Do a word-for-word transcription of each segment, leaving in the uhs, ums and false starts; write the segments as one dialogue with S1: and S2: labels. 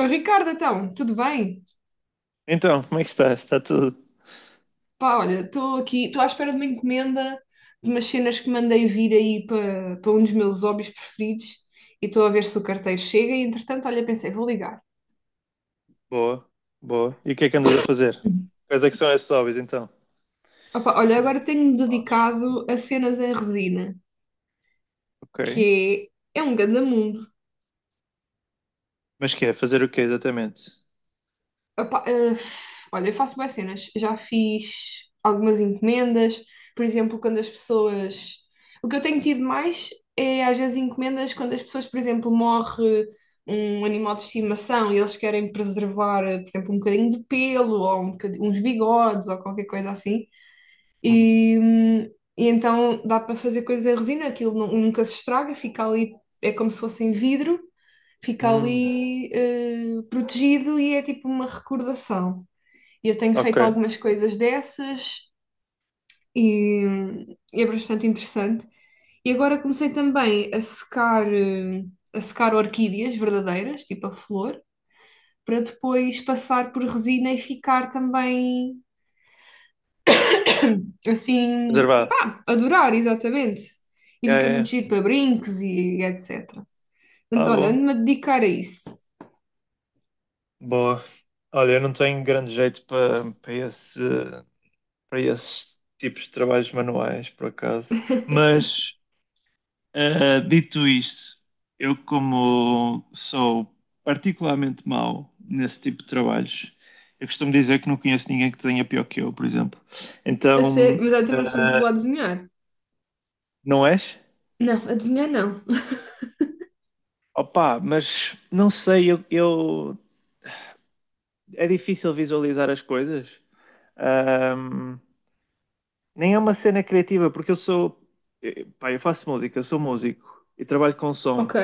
S1: Oh, Ricardo, então, tudo bem?
S2: Então, como é que estás? Está tudo?
S1: Pá, olha, estou aqui, estou à espera de uma encomenda de umas cenas que mandei vir aí para para um dos meus hobbies preferidos e estou a ver se o carteiro chega e, entretanto, olha, pensei, vou ligar.
S2: Boa, boa. E o que é que andas a fazer?
S1: Uhum.
S2: Quais é que são esses hobbies então?
S1: Opa, olha, agora tenho-me dedicado a cenas em resina,
S2: Ok.
S1: que é, é um ganda mundo.
S2: Mas que é? Fazer o quê exatamente?
S1: Epá, eh, olha, eu faço boas cenas. Já fiz algumas encomendas, por exemplo, quando as pessoas. O que eu tenho tido mais é às vezes encomendas quando as pessoas, por exemplo, morre um animal de estimação e eles querem preservar, eh, por exemplo, um bocadinho de pelo ou um bocadi- uns bigodes ou qualquer coisa assim.
S2: Hum.
S1: E, hum, e então dá para fazer coisas em resina, aquilo nu- nunca se estraga, fica ali, é como se fosse em vidro, fica
S2: Hum.
S1: ali eh, protegido e é tipo uma recordação. E eu tenho
S2: Ok.
S1: feito algumas coisas dessas e e é bastante interessante. E agora comecei também a secar, eh, a secar orquídeas verdadeiras, tipo a flor, para depois passar por resina e ficar também assim,
S2: Reservado.
S1: pá, adorar, exatamente. E
S2: É,
S1: fica
S2: é.
S1: muito
S2: É.
S1: giro para brincos e etecetera.
S2: Ah,
S1: Portanto, olha,
S2: boa.
S1: ando-me a dedicar a isso.
S2: Boa. Olha, eu não tenho grande jeito para para esse, para esses tipos de trabalhos manuais, por acaso. Mas Uh, dito isto, eu como sou particularmente mau nesse tipo de trabalhos, eu costumo dizer que não conheço ninguém que tenha pior que eu, por exemplo.
S1: A
S2: Então,
S1: sério,
S2: uh,
S1: mas eu também não sou muito boa a desenhar.
S2: não és?
S1: Não, a desenhar não.
S2: Opa, mas não sei, eu, eu- é difícil visualizar as coisas. Ahm, Nem é uma cena criativa, porque eu sou, eh, pá, eu faço música, eu sou músico e trabalho com
S1: Ok.
S2: som.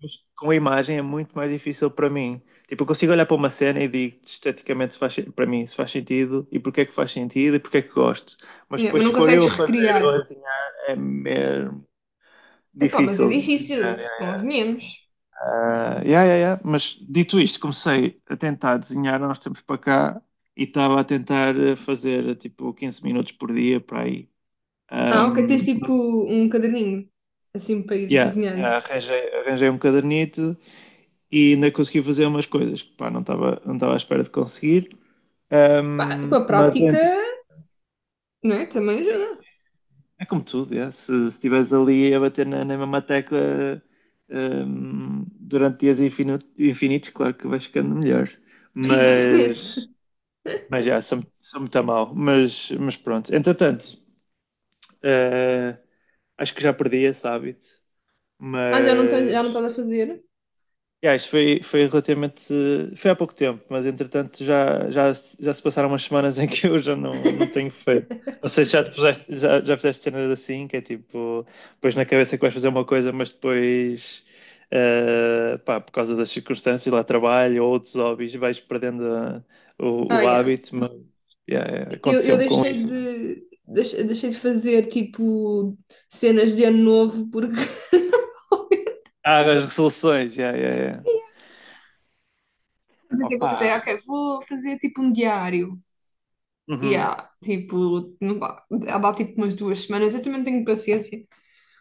S2: Mas com a imagem é muito mais difícil para mim. Tipo, eu consigo olhar para uma cena e digo esteticamente se faz, para mim se faz sentido e porque é que faz sentido e porque é que gosto. Mas
S1: Yeah,
S2: depois,
S1: mas
S2: se
S1: não
S2: for
S1: consegues
S2: eu a fazer ou a
S1: recriar.
S2: desenhar, é mesmo
S1: Epá, mas é
S2: difícil desenhar.
S1: difícil, convenhamos.
S2: Ah, yeah, yeah, yeah. Mas dito isto, comecei a tentar desenhar há uns tempos para cá e estava a tentar eh, fazer tipo quinze minutos por dia para aí.
S1: Ah, ok, tens
S2: Um,
S1: tipo um caderninho, assim, para ir
S2: yeah,
S1: desenhando.
S2: yeah, arranjei, arranjei um cadernito e ainda consegui fazer umas coisas que pá, não estava não estava à espera de conseguir.
S1: Pá, com
S2: Um,
S1: a
S2: mas
S1: prática,
S2: entre-
S1: não é? Também ajuda.
S2: É como tudo, yeah. se se estiveres ali a bater na, na, mesma tecla um, durante dias infinu- infinitos, claro que vais ficando melhor. Mas,
S1: Exatamente.
S2: mas já, sou, sou muito a mal. Mas, mas pronto, entretanto, eh, acho que já perdi esse hábito,
S1: Ah, já não tens, já não
S2: mas
S1: estás a fazer?
S2: yeah, isto foi, foi relativamente. Foi há pouco tempo, mas entretanto já, já, já se passaram umas semanas em que eu já não, não tenho feito. Não sei se já te puseste, já, já fizeste cenas assim, que é tipo, pões na cabeça que vais fazer uma coisa, mas depois, eh, pá, por causa das circunstâncias, lá trabalho ou outros hobbies, vais perdendo eh, o,
S1: Ah,
S2: o
S1: yeah.
S2: hábito, mas yeah, yeah,
S1: Eu, eu
S2: aconteceu-me com
S1: deixei
S2: isso.
S1: de, deixei, deixei de fazer, tipo, cenas de ano novo, porque
S2: Ah, as resoluções, yeah, yeah, yeah.
S1: pensei que eu
S2: Opa!
S1: pensei, ah, ok, vou fazer, tipo, um diário. E
S2: Uhum,
S1: yeah, tipo, não dá, dá tipo umas duas semanas, eu também não tenho paciência.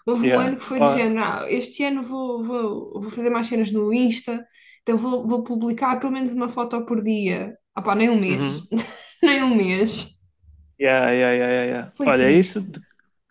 S1: Houve um
S2: yeah.
S1: ano que foi de
S2: Ó,
S1: género, ah, este ano vou, vou, vou fazer mais cenas no Insta, então vou, vou publicar pelo menos uma foto por dia. Ah pá, nem um mês.
S2: uhum.
S1: Nem um mês.
S2: Yeah, yeah, yeah, yeah, yeah.
S1: Foi
S2: Olha, isso
S1: triste.
S2: de-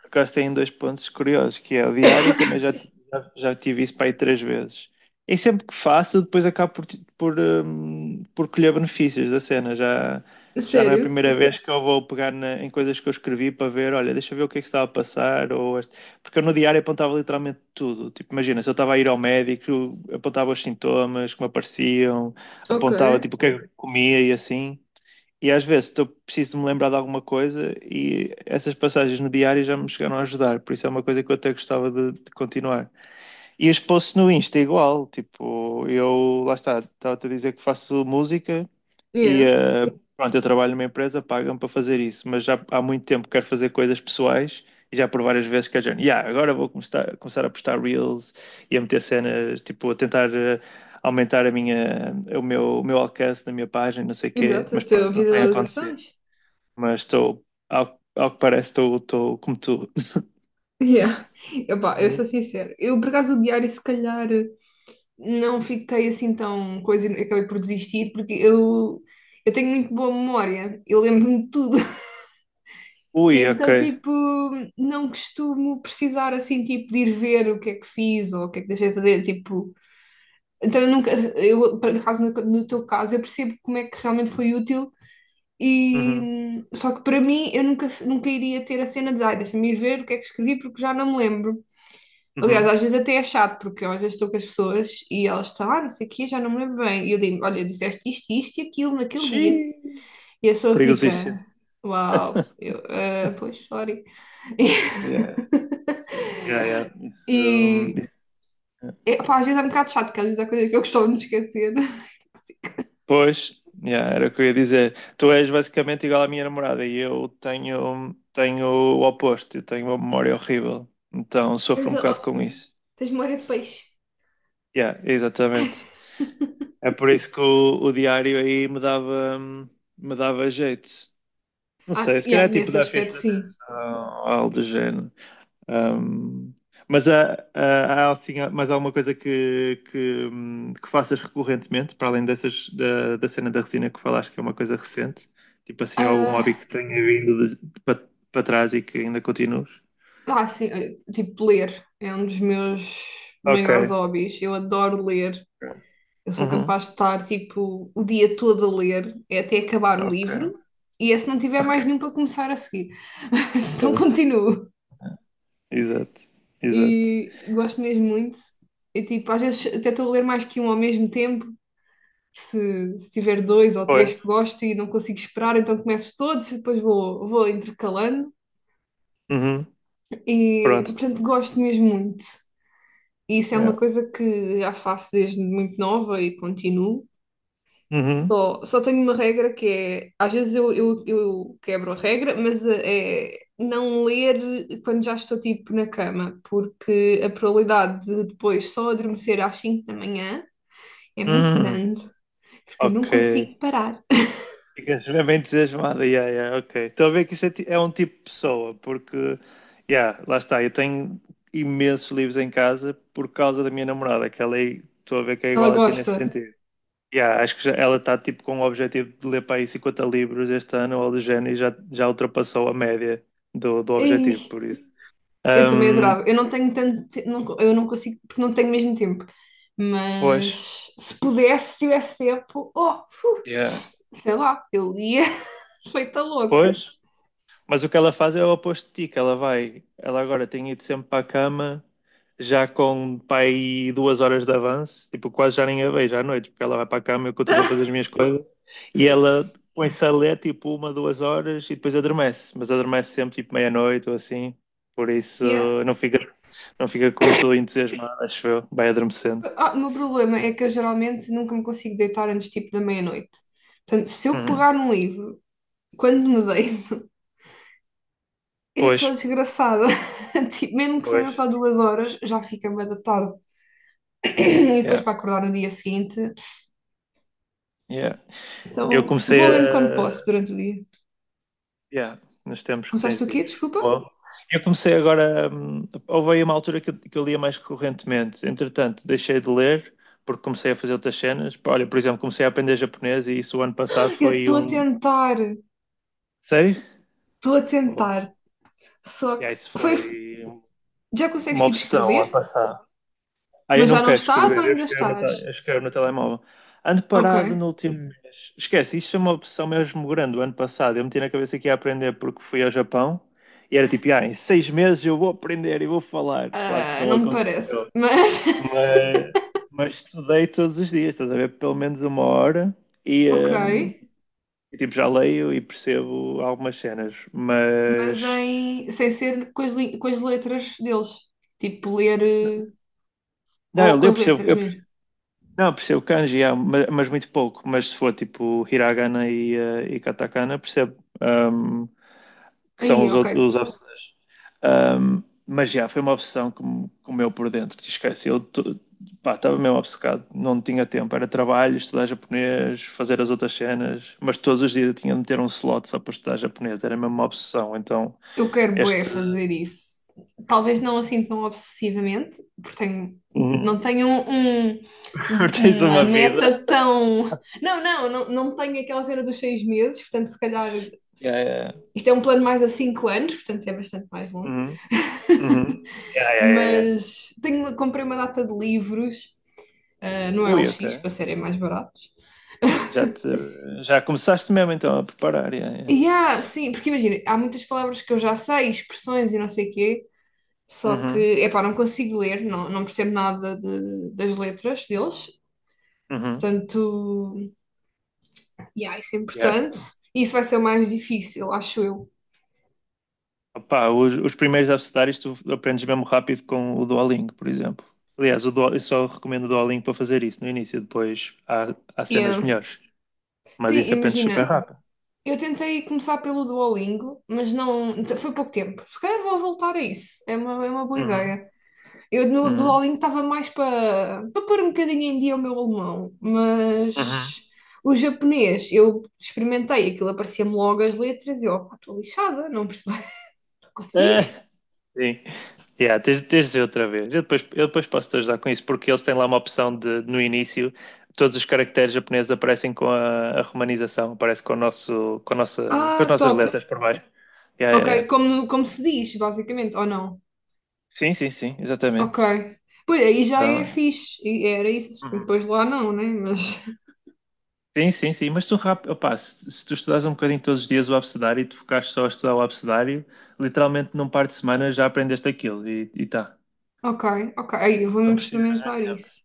S2: por acaso tem dois pontos curiosos, que é o diário, e também já, ti- já, já tive isso para aí três vezes. E sempre que faço, depois acabo por, ti- por, hum, por colher benefícios da cena. Já,
S1: A
S2: já não é a
S1: sério?
S2: primeira vez que eu vou pegar na- em coisas que eu escrevi para ver, olha, deixa eu ver o que é que se estava a passar. Ou este- Porque eu no diário apontava literalmente tudo. Tipo, imagina, se eu estava a ir ao médico, eu apontava os sintomas que me apareciam,
S1: Ok.
S2: apontava tipo o que é que eu comia e assim. E às vezes estou preciso de me lembrar de alguma coisa e essas passagens no diário já me chegaram a ajudar, por isso é uma coisa que eu até gostava de, de continuar. E os posts no Insta é igual, tipo, eu lá está, estava-te a dizer que faço música e
S1: Yeah.
S2: eh, pronto, eu trabalho numa empresa, pagam-me para fazer isso, mas já há muito tempo quero fazer coisas pessoais e já por várias vezes que a gente, yeah, agora vou começar, começar a postar reels e a meter cenas, tipo, a tentar. eh, Aumentar a minha, o meu, o meu alcance na minha página, não sei o quê,
S1: Exato, as
S2: mas
S1: tuas
S2: pronto, não tem acontecido
S1: visualizações.
S2: mas estou, ao, ao que parece, estou, estou como tu.
S1: Yeah. Epá, eu sou
S2: Uhum.
S1: sincera. Eu, por acaso, o diário, se calhar, não fiquei assim tão coisa e acabei por desistir, porque eu, eu tenho muito boa memória. Eu lembro-me de tudo. E
S2: Ui, ok.
S1: então, tipo, não costumo precisar assim, tipo, de ir ver o que é que fiz ou o que é que deixei de fazer, tipo, então eu nunca, eu, por acaso, no, no, teu caso, eu percebo como é que realmente foi útil e
S2: Uhum,
S1: só que para mim eu nunca, nunca iria ter a cena de, ai, deixa-me ir ver o que é que escrevi porque já não me lembro. Aliás, às
S2: uhum.
S1: vezes até é chato, porque eu às vezes estou com as pessoas e elas estão, ah, não sei o quê, já não me lembro bem. E eu digo, olha, disseste isto, isto e aquilo naquele dia.
S2: Xiii.
S1: E a pessoa fica,
S2: Perigosíssimo.
S1: uau, eu, "Ah, pois, sorry.
S2: Yeah, yeah, yeah. Isso, hum,
S1: E
S2: isso. Yeah.
S1: é, pá, às vezes é um bocado chato, porque às vezes há coisas que eu costumo me esquecer.
S2: Pois, yeah, era o que eu ia dizer. Tu és basicamente igual à minha namorada e eu tenho, tenho o oposto, eu tenho uma memória horrível, então sofro
S1: Tens,
S2: um
S1: oh,
S2: bocado com isso.
S1: tens memória de peixe.
S2: Yeah, exatamente. É por isso que o, o diário aí me dava, hum, me dava jeito. Não
S1: Ah,
S2: sei,
S1: sim,
S2: se calhar
S1: yeah,
S2: é tipo
S1: nesse
S2: da
S1: aspecto,
S2: festa de
S1: sim.
S2: atenção, ou algo do género. Ahm, mas há, há, há, assim, há mais alguma coisa que, que, hum, que faças recorrentemente, para além dessas, da, da cena da resina que falaste, que é uma coisa recente? Tipo assim, algum hobby que
S1: Ah,
S2: tenha vindo de- de- para para trás e que ainda continues?
S1: ah, sim, eh, tipo, ler é um dos meus
S2: Ok.
S1: maiores hobbies. Eu adoro ler. Eu sou
S2: Uhum.
S1: capaz de estar, tipo, o dia todo a ler, é até acabar o livro.
S2: Ok.
S1: E é se não tiver mais nenhum
S2: Ok.
S1: para começar a seguir. Se não,
S2: Pois.
S1: continuo.
S2: Exato. Exato.
S1: E gosto mesmo muito. E tipo, às vezes até estou a ler mais que um ao mesmo tempo. Se, se tiver dois ou três
S2: Pois.
S1: que gosto e não consigo esperar, então começo todos e depois vou, vou intercalando.
S2: Uhum.
S1: E,
S2: Pronto.
S1: portanto, gosto mesmo muito. E isso é uma
S2: Yeah.
S1: coisa que já faço desde muito nova e continuo.
S2: Uhum.
S1: Só, só tenho uma regra que é, às vezes eu, eu, eu quebro a regra, mas eh, é não ler quando já estou tipo na cama, porque a probabilidade de depois só adormecer às cinco da manhã é muito
S2: Uhum.
S1: grande, porque eu não
S2: Ok.
S1: consigo parar.
S2: Ficas bem entusiasmado, yeah, yeah, ok. Estou a ver que isso é, ti- é um tipo de pessoa, porque, yeah, lá está, eu tenho imensos livros em casa por causa da minha namorada, que ela é, estou a ver que é
S1: Ela
S2: igual a ti nesse
S1: gosta.
S2: sentido. Yeah, acho que já- ela está tipo com o objetivo de ler para aí cinquenta livros este ano ou do género e já, já ultrapassou a média do, do objetivo,
S1: Ei,
S2: por isso.
S1: eu também
S2: Ahm,
S1: adorava. Eu não tenho tanto, te- não co- eu não consigo, porque não tenho mesmo tempo.
S2: Pois,
S1: Mas se pudesse, se tivesse tempo, oh, fu,
S2: yeah.
S1: sei lá, eu lia feita louca.
S2: pois, Mas o que ela faz é o oposto de ti, que ela vai, ela agora tem ido sempre para a cama, já com pai duas horas de avanço, tipo, quase já nem a vejo à noite, porque ela vai para a cama, eu continuo a fazer as minhas coisas, e ela põe-se a ler tipo uma, duas horas e depois adormece, mas adormece sempre tipo meia-noite ou assim, por isso
S1: Yeah.
S2: não fica, não fica como tu entusiasmado, acho eu, vai adormecendo.
S1: Ah, o meu problema é que eu geralmente nunca me consigo deitar antes tipo da meia-noite. Portanto, se eu
S2: Uhum.
S1: pegar num livro, quando me deito, eu
S2: Pois,
S1: estou desgraçada. Tipo, mesmo que
S2: pois,
S1: seja só duas horas, já fica bué da tarde. E depois
S2: yeah,
S1: para acordar no dia seguinte.
S2: yeah. Eu
S1: Então
S2: comecei
S1: vou lendo quando posso
S2: a
S1: durante o dia.
S2: Yeah, nos tempos que tens
S1: Começaste o quê?
S2: livres.
S1: Desculpa?
S2: Boa. Eu comecei agora. Hum, houve aí uma altura que eu, que eu lia mais recorrentemente. Entretanto, deixei de ler porque comecei a fazer outras cenas. Pá, Olha, por exemplo, comecei a aprender japonês e isso o ano passado
S1: Eu,
S2: foi
S1: estou a
S2: um.
S1: tentar,
S2: Sei?
S1: estou a
S2: Boa.
S1: tentar. Só
S2: Yeah,
S1: que
S2: isso
S1: foi,
S2: foi
S1: já consegues
S2: uma
S1: tipo
S2: obsessão o ano
S1: escrever?
S2: passado. Ah, eu
S1: Mas já
S2: não
S1: não
S2: quero
S1: estás ou
S2: escrever, eu
S1: ainda
S2: escrevo no,
S1: estás?
S2: te- eu escrevo no telemóvel. Ando parado
S1: Ok.
S2: no último mês. Esquece, isto é uma opção mesmo grande. O ano passado eu meti na cabeça que ia aprender porque fui ao Japão e era tipo, ah, em seis meses eu vou aprender e vou falar. Claro que
S1: Ah,
S2: não
S1: não me parece,
S2: aconteceu,
S1: mas
S2: mas, mas estudei todos os dias, estás a ver? Pelo menos uma hora e,
S1: ok,
S2: hum, tipo, já leio e percebo algumas cenas,
S1: mas
S2: mas.
S1: em sem ser com as, li- com as letras deles, tipo ler eh,
S2: Não,
S1: ou
S2: eu,
S1: com
S2: eu
S1: as
S2: percebo,
S1: letras
S2: eu
S1: mesmo.
S2: Não, percebo kanji, yeah, ma- mas, muito pouco. Mas se for tipo hiragana e, eh, e katakana, percebo um, que são
S1: Aí,
S2: os,
S1: ok,
S2: outros- os obs- um, Mas já, foi uma obsessão que me comeu por dentro, te esqueci. Eu to- pá, estava mesmo obcecado, não tinha tempo. Era trabalho, estudar japonês, fazer as outras cenas, mas todos os dias eu tinha de ter um slot só para estudar japonês, era mesmo uma obsessão. Então,
S1: eu quero bué
S2: este.
S1: fazer isso. Talvez não assim tão obsessivamente, porque tenho, não
S2: Uhum.
S1: tenho um, um-
S2: Tens
S1: um- uma
S2: uma vida.
S1: meta tão. Não, não, não, não tenho aquela cena dos seis meses, portanto, se calhar.
S2: Yeah, yeah.
S1: Isto é um plano mais a cinco anos, portanto, é bastante mais longo.
S2: Uhum. Uhum. É.
S1: Mas tenho, uma- comprei uma data de livros, ah, no
S2: Ui, ok.
S1: L X, para serem mais baratos.
S2: Já, te, já começaste mesmo então a preparar. Yeah, yeah.
S1: E há, sim, porque imagina, há muitas palavras que eu já sei, expressões e não sei o quê, só que,
S2: Uhum,
S1: epá, não consigo ler, não, não percebo nada de- das letras deles,
S2: uhum,
S1: portanto, yeah, isso é
S2: yeah.
S1: importante. Isso vai ser o mais difícil, acho eu.
S2: Opá, os, os primeiros abecedários tu aprendes mesmo rápido com o Duolingo, por exemplo. Aliás, o Duo, eu só recomendo o Duolingo para fazer isso no início, depois há, há cenas
S1: Yeah.
S2: melhores. Mas
S1: Sim,
S2: isso aprendes super
S1: imagina,
S2: rápido.
S1: eu tentei começar pelo Duolingo, mas não, foi pouco tempo. Se calhar vou voltar a isso, é uma, é uma boa
S2: Uhum,
S1: ideia. Eu no
S2: uhum,
S1: Duolingo estava mais para para pôr um bocadinho em dia o meu alemão, mas
S2: uhum.
S1: o japonês, eu experimentei aquilo, aparecia-me logo as letras e eu, "Opá, estou lixada, não percebo, não consigo.
S2: Sim. Yeah, tens, tens de dizer outra vez. Eu depois, eu depois posso te ajudar com isso, porque eles têm lá uma opção de, no início, todos os caracteres japoneses aparecem com a, a romanização, aparece com o nosso, com a nossa, com as
S1: Ah,
S2: nossas
S1: top.
S2: letras por baixo. Yeah,
S1: Ok,
S2: yeah, yeah.
S1: como, como se diz, basicamente, ou não?
S2: Sim, sim, sim,
S1: Ok.
S2: exatamente.
S1: Pois aí já é
S2: Então,
S1: fixe, e era isso.
S2: Uhum.
S1: Depois lá não, né? Mas.
S2: sim, sim, sim. Mas tu, rápido opá, se, se tu estudares um bocadinho todos os dias o abecedário e te focares só a estudar o abecedário, literalmente num par de semanas já aprendeste aquilo e, e tá.
S1: Ok, ok. Aí eu vou
S2: Não
S1: mesmo
S2: precisas de muito
S1: experimentar
S2: tempo.
S1: isso.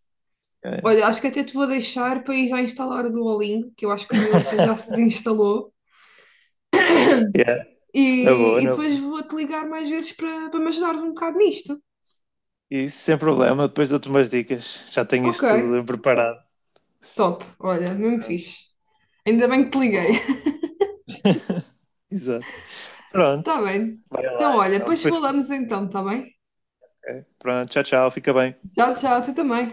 S2: Yeah,
S1: Olha, acho que até te vou deixar para ir já instalar o Duolingo, que eu acho que o meu até já
S2: yeah.
S1: se desinstalou.
S2: Yeah,
S1: E,
S2: na boa,
S1: e
S2: na
S1: depois
S2: boa.
S1: vou-te ligar mais vezes para para me ajudares um bocado nisto.
S2: E sem problema, depois dou-te umas dicas. Já tenho
S1: Ok,
S2: isso tudo preparado.
S1: top. Olha, mesmo
S2: Pronto.
S1: fixe. Ainda bem que te liguei.
S2: Boa. Exato. Pronto.
S1: Está bem.
S2: Vai lá
S1: Então, olha,
S2: então.
S1: depois
S2: Depois...
S1: falamos então, está bem?
S2: ok. Pronto, tchau, tchau. Fica bem.
S1: Tchau, tchau, tu também.